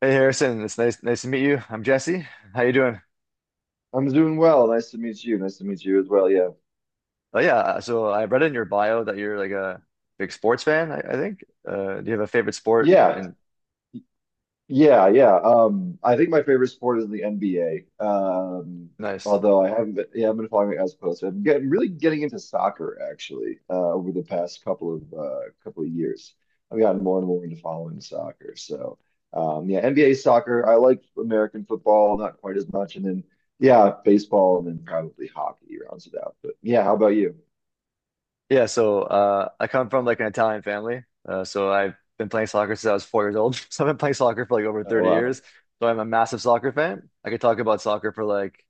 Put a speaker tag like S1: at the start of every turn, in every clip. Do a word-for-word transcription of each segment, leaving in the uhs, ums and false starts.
S1: Hey Harrison, it's nice nice to meet you. I'm Jesse. How you doing?
S2: I'm doing well. Nice to meet you. Nice to meet you as well. Yeah.
S1: Oh yeah, uh, so I read in your bio that you're like a big sports fan, I, I think. Uh, do you have a favorite sport?
S2: Yeah.
S1: And
S2: Yeah, yeah. Um, I think my favorite sport is the N B A. Um,
S1: nice.
S2: although I haven't been, yeah, I've been following it as close. I'm getting really getting into soccer actually, uh, over the past couple of uh couple of years. I've gotten more and more into following soccer. So, um, yeah, N B A soccer. I like American football, not quite as much, and then yeah, baseball, and then probably hockey rounds it out. But yeah, how about you?
S1: Yeah, so uh, I come from like an Italian family. Uh, so I've been playing soccer since I was four years old. So I've been playing soccer for like over
S2: Oh,
S1: thirty
S2: wow.
S1: years. So I'm a massive soccer fan. I could talk about soccer for like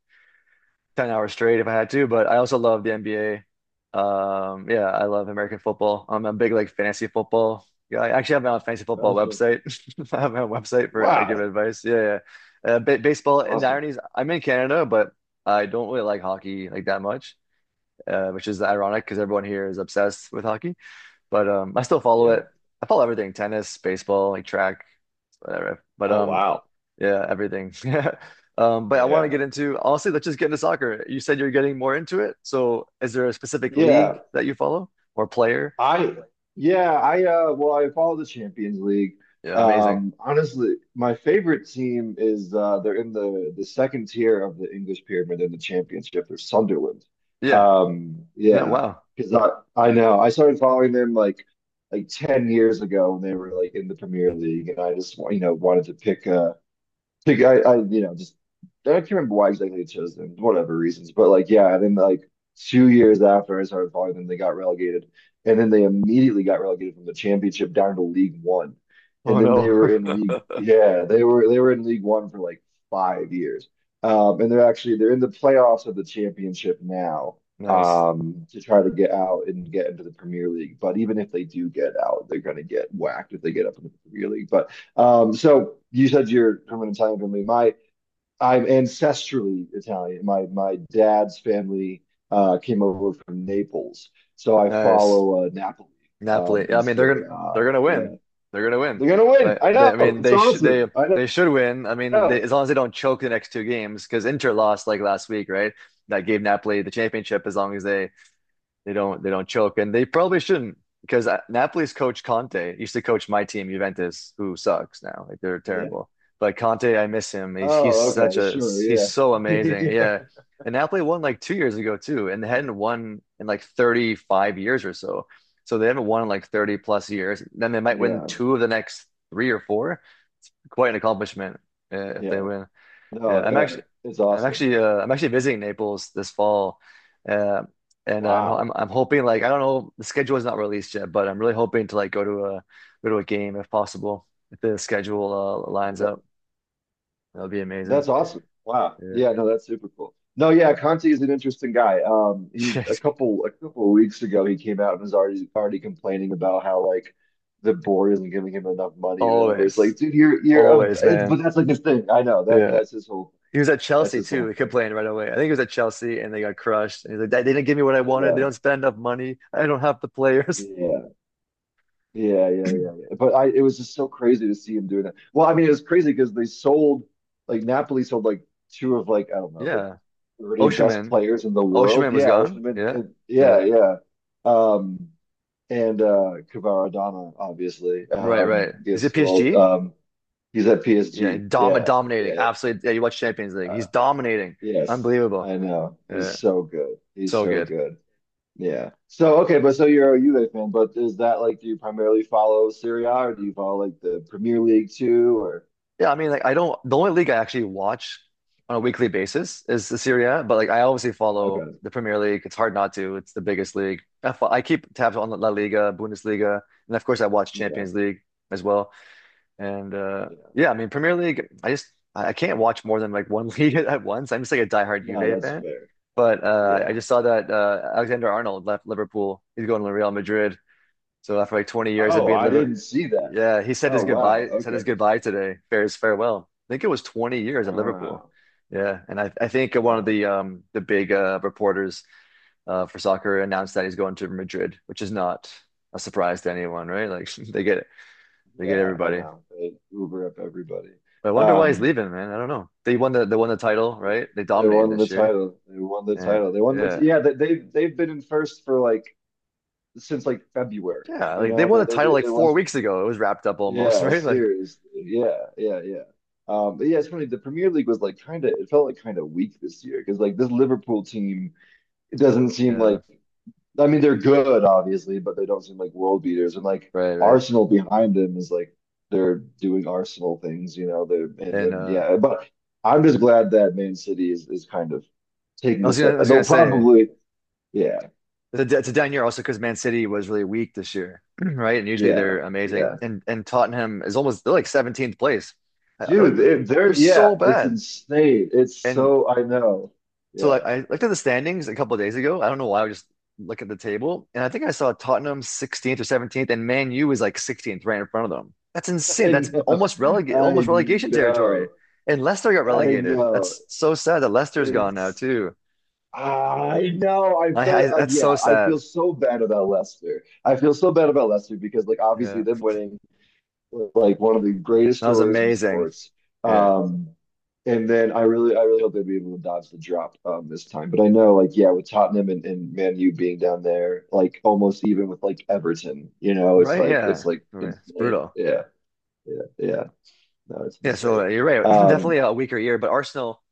S1: ten hours straight if I had to, but I also love the N B A. Um, yeah, I love American football. I'm a big like fantasy football guy. I actually have my own fantasy football
S2: Gotcha.
S1: website. I have my own website for I give
S2: Wow.
S1: advice. Yeah, yeah. Uh, ba Baseball, and the
S2: Awesome.
S1: irony is I'm in Canada, but I don't really like hockey like that much, uh, which is ironic because everyone here is obsessed with hockey. But um, I still follow
S2: Yeah.
S1: it. I follow everything: tennis, baseball, like track whatever. But
S2: Oh,
S1: um,
S2: wow.
S1: yeah, everything. Yeah. Um, but I want to
S2: Yeah.
S1: get into honestly, let's just get into soccer. You said you're getting more into it. So is there a specific
S2: Yeah.
S1: league that you follow or player?
S2: I, yeah, I, uh, well, I follow the Champions League.
S1: Yeah, amazing.
S2: Um, honestly, my favorite team is, uh, they're in the, the second tier of the English pyramid in the championship. They're Sunderland.
S1: Yeah.
S2: Um,
S1: Yeah,
S2: yeah.
S1: wow.
S2: Because I, I know I started following them like, like ten years ago when they were like in the Premier League, and I just, you know, wanted to pick, a. Like, I, I, you know, just I can't remember why exactly they chose them, whatever reasons. But like, yeah, and then like two years after I started following them, they got relegated, and then they immediately got relegated from the championship down to League One,
S1: Oh
S2: and then they
S1: no.
S2: were in League, yeah, they were they were in League One for like five years, um, and they're actually they're in the playoffs of the championship now.
S1: Nice.
S2: Um, to try to get out and get into the Premier League. But even if they do get out, they're going to get whacked if they get up into the Premier League. But um, so you said you're from an Italian family. My I'm ancestrally Italian. My my dad's family uh, came over from Naples, so I
S1: Nice.
S2: follow uh, Napoli um,
S1: Napoli. Yeah,
S2: in
S1: I mean, they're
S2: Serie
S1: gonna they're
S2: A.
S1: gonna win.
S2: Yeah,
S1: They're gonna win.
S2: they're gonna win.
S1: Like
S2: I
S1: they,
S2: know.
S1: I mean,
S2: It's
S1: they should they
S2: awesome. I
S1: they should win. I mean, they,
S2: know.
S1: as long as they don't choke the next two games, because Inter lost like last week, right? That gave Napoli the championship as long as they They don't they don't choke, and they probably shouldn't because uh, Napoli's coach Conte used to coach my team Juventus, who sucks now. Like they're
S2: Yeah.
S1: terrible. But Conte, I miss him. He's he's
S2: Oh,
S1: such
S2: okay.
S1: a
S2: Sure.
S1: he's
S2: Yeah.
S1: so amazing. Yeah, and Napoli won like two years ago too, and they hadn't won in like thirty-five years or so. So they haven't won in like thirty plus years. Then they might win
S2: Yeah.
S1: two of the next three or four. It's quite an accomplishment uh, if they
S2: Yeah.
S1: win. Yeah,
S2: No.
S1: I'm
S2: Yeah.
S1: actually,
S2: It's
S1: I'm
S2: awesome.
S1: actually, uh, I'm actually visiting Naples this fall, uh, and uh, I'm,
S2: Wow.
S1: I'm, I'm hoping like I don't know the schedule is not released yet, but I'm really hoping to like go to a go to a game if possible. If the schedule uh, lines
S2: That,
S1: up, that would be amazing.
S2: That's awesome. Wow.
S1: Yeah,
S2: Yeah, no, that's super cool. No, yeah, Conte is an interesting guy. Um, he's a
S1: Jeez.
S2: couple a couple of weeks ago, he came out and was already already complaining about how like the board isn't giving him enough money or whatever. It's
S1: Always,
S2: like, dude, you're you're a
S1: always,
S2: it's,
S1: man.
S2: but that's like his thing. I know that
S1: Yeah,
S2: that's his whole
S1: he was at
S2: that's
S1: Chelsea
S2: his
S1: too. He
S2: whole thing.
S1: complained right away. I think he was at Chelsea and they got crushed. And he's like, they didn't give me what I wanted. They don't
S2: Yeah.
S1: spend enough money. I don't have the players.
S2: Yeah. Yeah, yeah, yeah, yeah. But I it was just so crazy to see him doing that. Well, I mean, it was crazy because they sold like Napoli sold like two of, like, I don't know,
S1: Yeah,
S2: thirty best
S1: Osimhen,
S2: players in the world.
S1: Osimhen was
S2: Yeah, which
S1: gone.
S2: would have been,
S1: Yeah.
S2: and- yeah,
S1: Yeah.
S2: yeah. Um, and uh, Kevara Adama, obviously,
S1: Right,
S2: um,
S1: right. Is it
S2: gets sold.
S1: P S G?
S2: Um, he's at
S1: Yeah,
S2: P S G.
S1: dom
S2: Yeah,
S1: dominating.
S2: yeah,
S1: Absolutely. Yeah, you watch Champions League. He's
S2: uh,
S1: dominating.
S2: yes,
S1: Unbelievable.
S2: I know. He's
S1: Yeah,
S2: so good. He's
S1: so
S2: so
S1: good.
S2: good. Yeah. So okay, but so you're a Juve fan, but is that like do you primarily follow Serie A or do you follow like the Premier League too? Or
S1: Yeah, I mean, like I don't. The only league I actually watch on a weekly basis is the Serie A, but like I obviously follow
S2: okay,
S1: the Premier League. It's hard not to. It's the biggest league. I, fo- I keep tabs on La Liga, Bundesliga, and of course I watch
S2: yeah,
S1: Champions League as well. And uh
S2: yeah.
S1: yeah, I mean Premier League, I just I I can't watch more than like one league at once. I'm just like a diehard
S2: No,
S1: Juve
S2: that's
S1: fan.
S2: fair.
S1: But uh I
S2: Yeah.
S1: just saw that uh Alexander Arnold left Liverpool. He's going to Real Madrid. So after like twenty years of
S2: Oh,
S1: being
S2: I
S1: Liverpool,
S2: didn't see that.
S1: yeah, he said his
S2: Oh wow.
S1: goodbye, said
S2: Okay.
S1: his goodbye today. Fair's farewell. I think it was twenty years at Liverpool.
S2: Wow.
S1: Yeah, and I, I think one of
S2: Wow.
S1: the um the big uh reporters uh for soccer announced that he's going to Madrid, which is not a surprise to anyone, right? Like they get they get
S2: Yeah, I
S1: everybody.
S2: know. They Uber up everybody.
S1: But I wonder why he's
S2: Um,
S1: leaving, man. I don't know. They won the they won the title,
S2: yeah,
S1: right? They
S2: they
S1: dominated
S2: won the
S1: this year.
S2: title. They won the
S1: And
S2: title. They won the
S1: yeah.
S2: t yeah, they, they've they've been in first for like since like February.
S1: Yeah,
S2: You
S1: like they
S2: know,
S1: won
S2: they
S1: the
S2: they
S1: title
S2: did
S1: like
S2: it
S1: four
S2: wasn't
S1: weeks ago. It was wrapped up almost,
S2: yeah,
S1: right? Like
S2: seriously. Yeah, yeah, yeah. Um, but yeah, it's funny. The Premier League was like kind of it felt like kind of weak this year, because like this Liverpool team, it doesn't seem
S1: yeah,
S2: like I mean, they're good, obviously, but they don't seem like world beaters. And like
S1: right, right.
S2: Arsenal behind them is like they're doing Arsenal things, you know. They're and
S1: And
S2: then
S1: uh
S2: yeah, but I'm just glad that Man City is is kind of
S1: I
S2: taking a
S1: was gonna
S2: step.
S1: I
S2: And
S1: was gonna
S2: they'll
S1: say
S2: probably yeah,
S1: it's a, d- it's a down year also because Man City was really weak this year, right? And usually
S2: yeah,
S1: they're amazing.
S2: yeah,
S1: And and Tottenham is almost they're like seventeenth place. I, I
S2: dude.
S1: looked,
S2: It,
S1: they're
S2: they're yeah,
S1: so
S2: it's
S1: bad.
S2: insane. It's
S1: And
S2: so I know.
S1: so like
S2: Yeah,
S1: I looked at the standings a couple of days ago. I don't know why I was just look at the table, and I think I saw Tottenham sixteenth or seventeenth, and Man U is like sixteenth, right in front of them. That's insane.
S2: I
S1: That's
S2: know.
S1: almost releg
S2: I
S1: almost relegation territory.
S2: know.
S1: And Leicester got
S2: I
S1: relegated.
S2: know.
S1: That's so sad that Leicester's gone now
S2: It's
S1: too.
S2: I know. I
S1: I, I
S2: feel like
S1: that's
S2: yeah.
S1: so
S2: I
S1: sad.
S2: feel so bad about Leicester. I feel so bad about Leicester, because like obviously
S1: Yeah,
S2: them winning was like one of the greatest
S1: that was
S2: stories in
S1: amazing.
S2: sports.
S1: Yeah,
S2: Um, and then I really, I really hope they would be able to dodge the drop um, this time. But I know like yeah, with Tottenham and, and Man U being down there, like almost even with like Everton, you know, it's
S1: right.
S2: like
S1: Yeah,
S2: it's like
S1: okay, it's
S2: insane.
S1: brutal.
S2: Yeah, yeah, yeah. No, it's
S1: Yeah, so
S2: insane.
S1: uh, you're right.
S2: Um,
S1: Definitely a weaker year, but Arsenal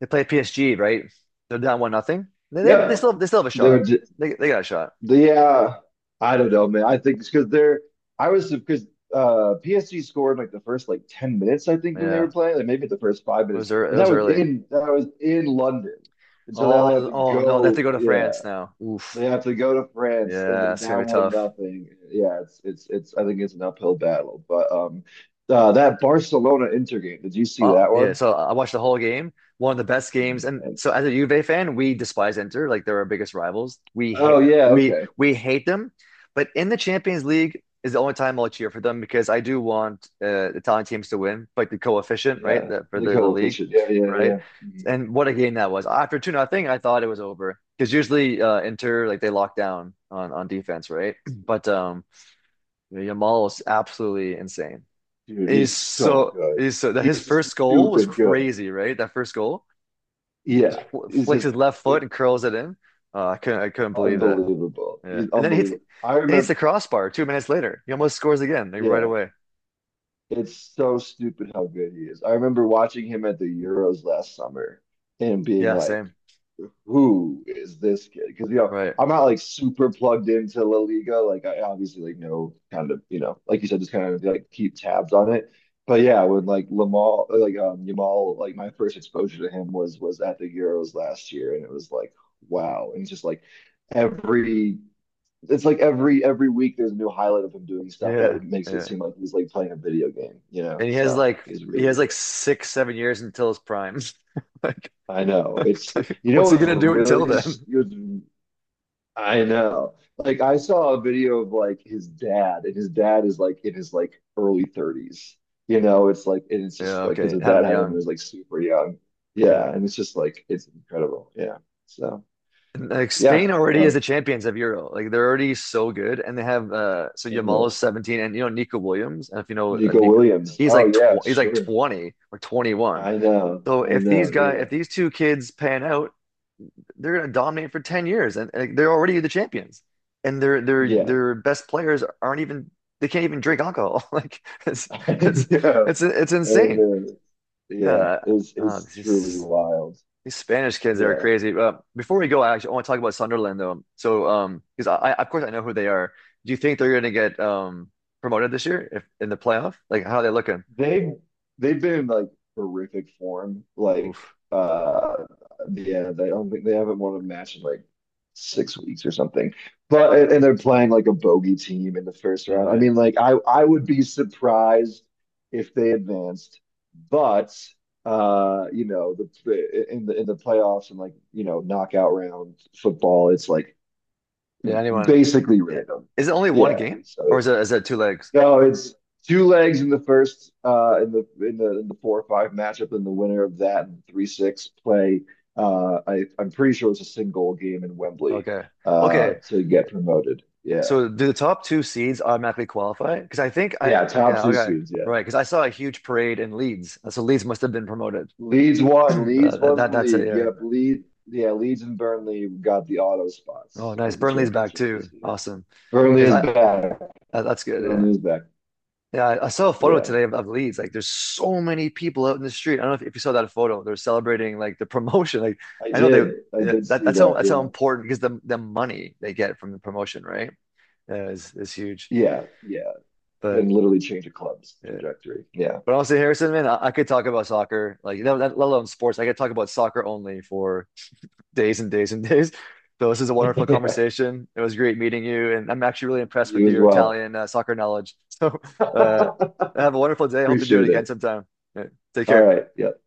S1: they play P S G, right? They're down one nothing. They, they they
S2: yeah,
S1: still they still have a
S2: they're
S1: shot. They they got a shot.
S2: Yeah, I don't know, man. I think it's because they're. I was because uh, P S G scored like the first like ten minutes, I think, when they
S1: Yeah.
S2: were playing, like maybe the first five
S1: It
S2: minutes,
S1: was early, it
S2: and that
S1: was
S2: was
S1: early.
S2: in that was in London, and so now
S1: Oh,
S2: they have to
S1: oh no, they have
S2: go.
S1: to go to
S2: Yeah,
S1: France now. Oof.
S2: they have to go to France, and
S1: Yeah,
S2: they're
S1: it's gonna be
S2: down one
S1: tough.
S2: nothing. Yeah, it's it's it's. I think it's an uphill battle, but um, uh, that Barcelona Inter game. Did you see
S1: Uh,
S2: that
S1: yeah,
S2: one?
S1: so I watched the whole game, one of the best games. And
S2: Mhm.
S1: so as a Juve fan, we despise Inter, like they're our biggest rivals. We hate
S2: Oh yeah,
S1: we
S2: okay,
S1: we hate them. But in the Champions League is the only time I'll cheer for them because I do want uh, Italian teams to win, like the coefficient, right?
S2: yeah,
S1: That for
S2: the
S1: the, the league,
S2: coefficient. Yeah, yeah,
S1: right?
S2: yeah. Mm-hmm.
S1: And what a game that was. After two nothing, I thought it was over. Because usually uh, Inter like they lock down on on defense, right? But um Yamal was absolutely insane.
S2: Dude,
S1: He's
S2: he's so
S1: so
S2: good.
S1: he's so that
S2: He
S1: his
S2: is
S1: first goal was
S2: stupid good.
S1: crazy, right? That first goal,
S2: Yeah,
S1: Fl-
S2: he's
S1: flicks his
S2: just
S1: left foot and curls it in. Uh, I couldn't I couldn't believe that.
S2: unbelievable.
S1: Yeah,
S2: He's
S1: and then he hits, then
S2: unbelievable. I
S1: he hits the
S2: remember,
S1: crossbar two minutes later. He almost scores again, like right
S2: yeah,
S1: away.
S2: it's so stupid how good he is. I remember watching him at the Euros last summer and being
S1: Yeah,
S2: like,
S1: same.
S2: who is this kid? Because you know,
S1: Right.
S2: I'm not like super plugged into La Liga. Like I obviously like know kind of, you know, like you said, just kind of like keep tabs on it. But yeah, when like Lamal, like um Yamal, like my first exposure to him was was at the Euros last year, and it was like wow, and it's just like every. It's like every every week there's a new highlight of him doing stuff that
S1: Yeah,
S2: makes it
S1: yeah.
S2: seem like he's like playing a video game, you know?
S1: And he has
S2: So
S1: like
S2: he's
S1: he
S2: really
S1: has like
S2: good.
S1: six, seven years until his prime. Like,
S2: I know. It's
S1: like,
S2: you know
S1: what's he
S2: what's
S1: gonna do until
S2: really it's
S1: then?
S2: I know. Like I saw a video of like his dad, and his dad is like in his like early thirties. You know, it's like and it's
S1: Yeah,
S2: just like because
S1: okay.
S2: his
S1: Had him
S2: dad had him when he
S1: young.
S2: was like super young.
S1: Yeah.
S2: Yeah, and it's just like it's incredible. Yeah. So
S1: Like Spain
S2: yeah,
S1: already is
S2: no,
S1: the champions of Euro. Like they're already so good, and they have uh so
S2: I
S1: Yamal is
S2: know.
S1: seventeen, and you know Nico Williams. And if you know uh,
S2: Nico
S1: Nico,
S2: Williams.
S1: he's
S2: Oh
S1: like tw
S2: yeah,
S1: he's like
S2: sure.
S1: twenty or twenty-one.
S2: I know.
S1: So
S2: I
S1: if these
S2: know.
S1: guy
S2: Yeah.
S1: if these two kids pan out, they're gonna dominate for ten years, and, and they're already the champions. And their their
S2: Yeah.
S1: their best players aren't even they can't even drink alcohol. Like it's
S2: I
S1: it's
S2: know.
S1: it's it's
S2: I
S1: insane.
S2: know. Yeah.
S1: Yeah,
S2: It's
S1: uh,
S2: it's
S1: this
S2: truly
S1: is
S2: wild.
S1: these Spanish kids they are
S2: Yeah.
S1: crazy. Uh, before we go, I actually want to talk about Sunderland though. So, um, because I, I, of course, I know who they are. Do you think they're going to get um promoted this year if in the playoff? Like, how are they looking?
S2: They've they've been in like horrific form. Like
S1: Oof.
S2: uh yeah, they don't think they haven't won a match in like six weeks or something. But and and they're playing like a bogey team in the first
S1: All
S2: round. I
S1: right.
S2: mean, like I I would be surprised if they advanced, but uh you know the in the in the playoffs and like you know knockout round football, it's like
S1: Yeah. Anyone?
S2: basically
S1: It,
S2: random.
S1: is it only one
S2: Yeah,
S1: game,
S2: so
S1: or is it is it two legs?
S2: no, it's two legs in the first uh in the in the in the four or five matchup, and the winner of that and three six play uh I I'm pretty sure it's a single game in Wembley
S1: Okay.
S2: uh
S1: Okay.
S2: to get promoted. Yeah.
S1: So, do the top two seeds automatically qualify? Because I think I
S2: Yeah, top
S1: yeah
S2: two
S1: okay
S2: seeds, yeah.
S1: right because I saw a huge parade in Leeds, so Leeds must have been promoted.
S2: Leeds won, Leeds
S1: Uh,
S2: won the
S1: that that's
S2: league.
S1: a uh,
S2: Yep, Leeds yeah, Leeds and Burnley got the auto
S1: oh
S2: spots out
S1: nice.
S2: of the
S1: Burnley's back
S2: championship
S1: too.
S2: this year.
S1: Awesome.
S2: Burnley
S1: Yes,
S2: is
S1: I.
S2: back.
S1: That, that's good. Yeah.
S2: Burnley is back.
S1: Yeah. I, I saw a photo
S2: Yeah.
S1: today of, of Leeds. Like, there's so many people out in the street. I don't know if, if you saw that photo. They're celebrating like the promotion. Like,
S2: I
S1: I know they
S2: did. I
S1: yeah,
S2: did
S1: that
S2: see
S1: that's how
S2: that.
S1: that's how
S2: Yeah.
S1: important because the the money they get from the promotion, right? Yeah, is is huge.
S2: Yeah. Yeah.
S1: But
S2: can literally change a club's
S1: yeah.
S2: trajectory. Yeah.
S1: But honestly, Harrison, man, I, I could talk about soccer like you know, that, let alone sports. I could talk about soccer only for days and days and days. So this is a wonderful
S2: yeah.
S1: conversation. It was great meeting you, and I'm actually really impressed
S2: you
S1: with
S2: as
S1: your
S2: well.
S1: Italian uh, soccer knowledge. So uh,
S2: Appreciate
S1: have a wonderful day. I hope to do it again
S2: it.
S1: sometime. Yeah, take
S2: All
S1: care.
S2: right. Yeah.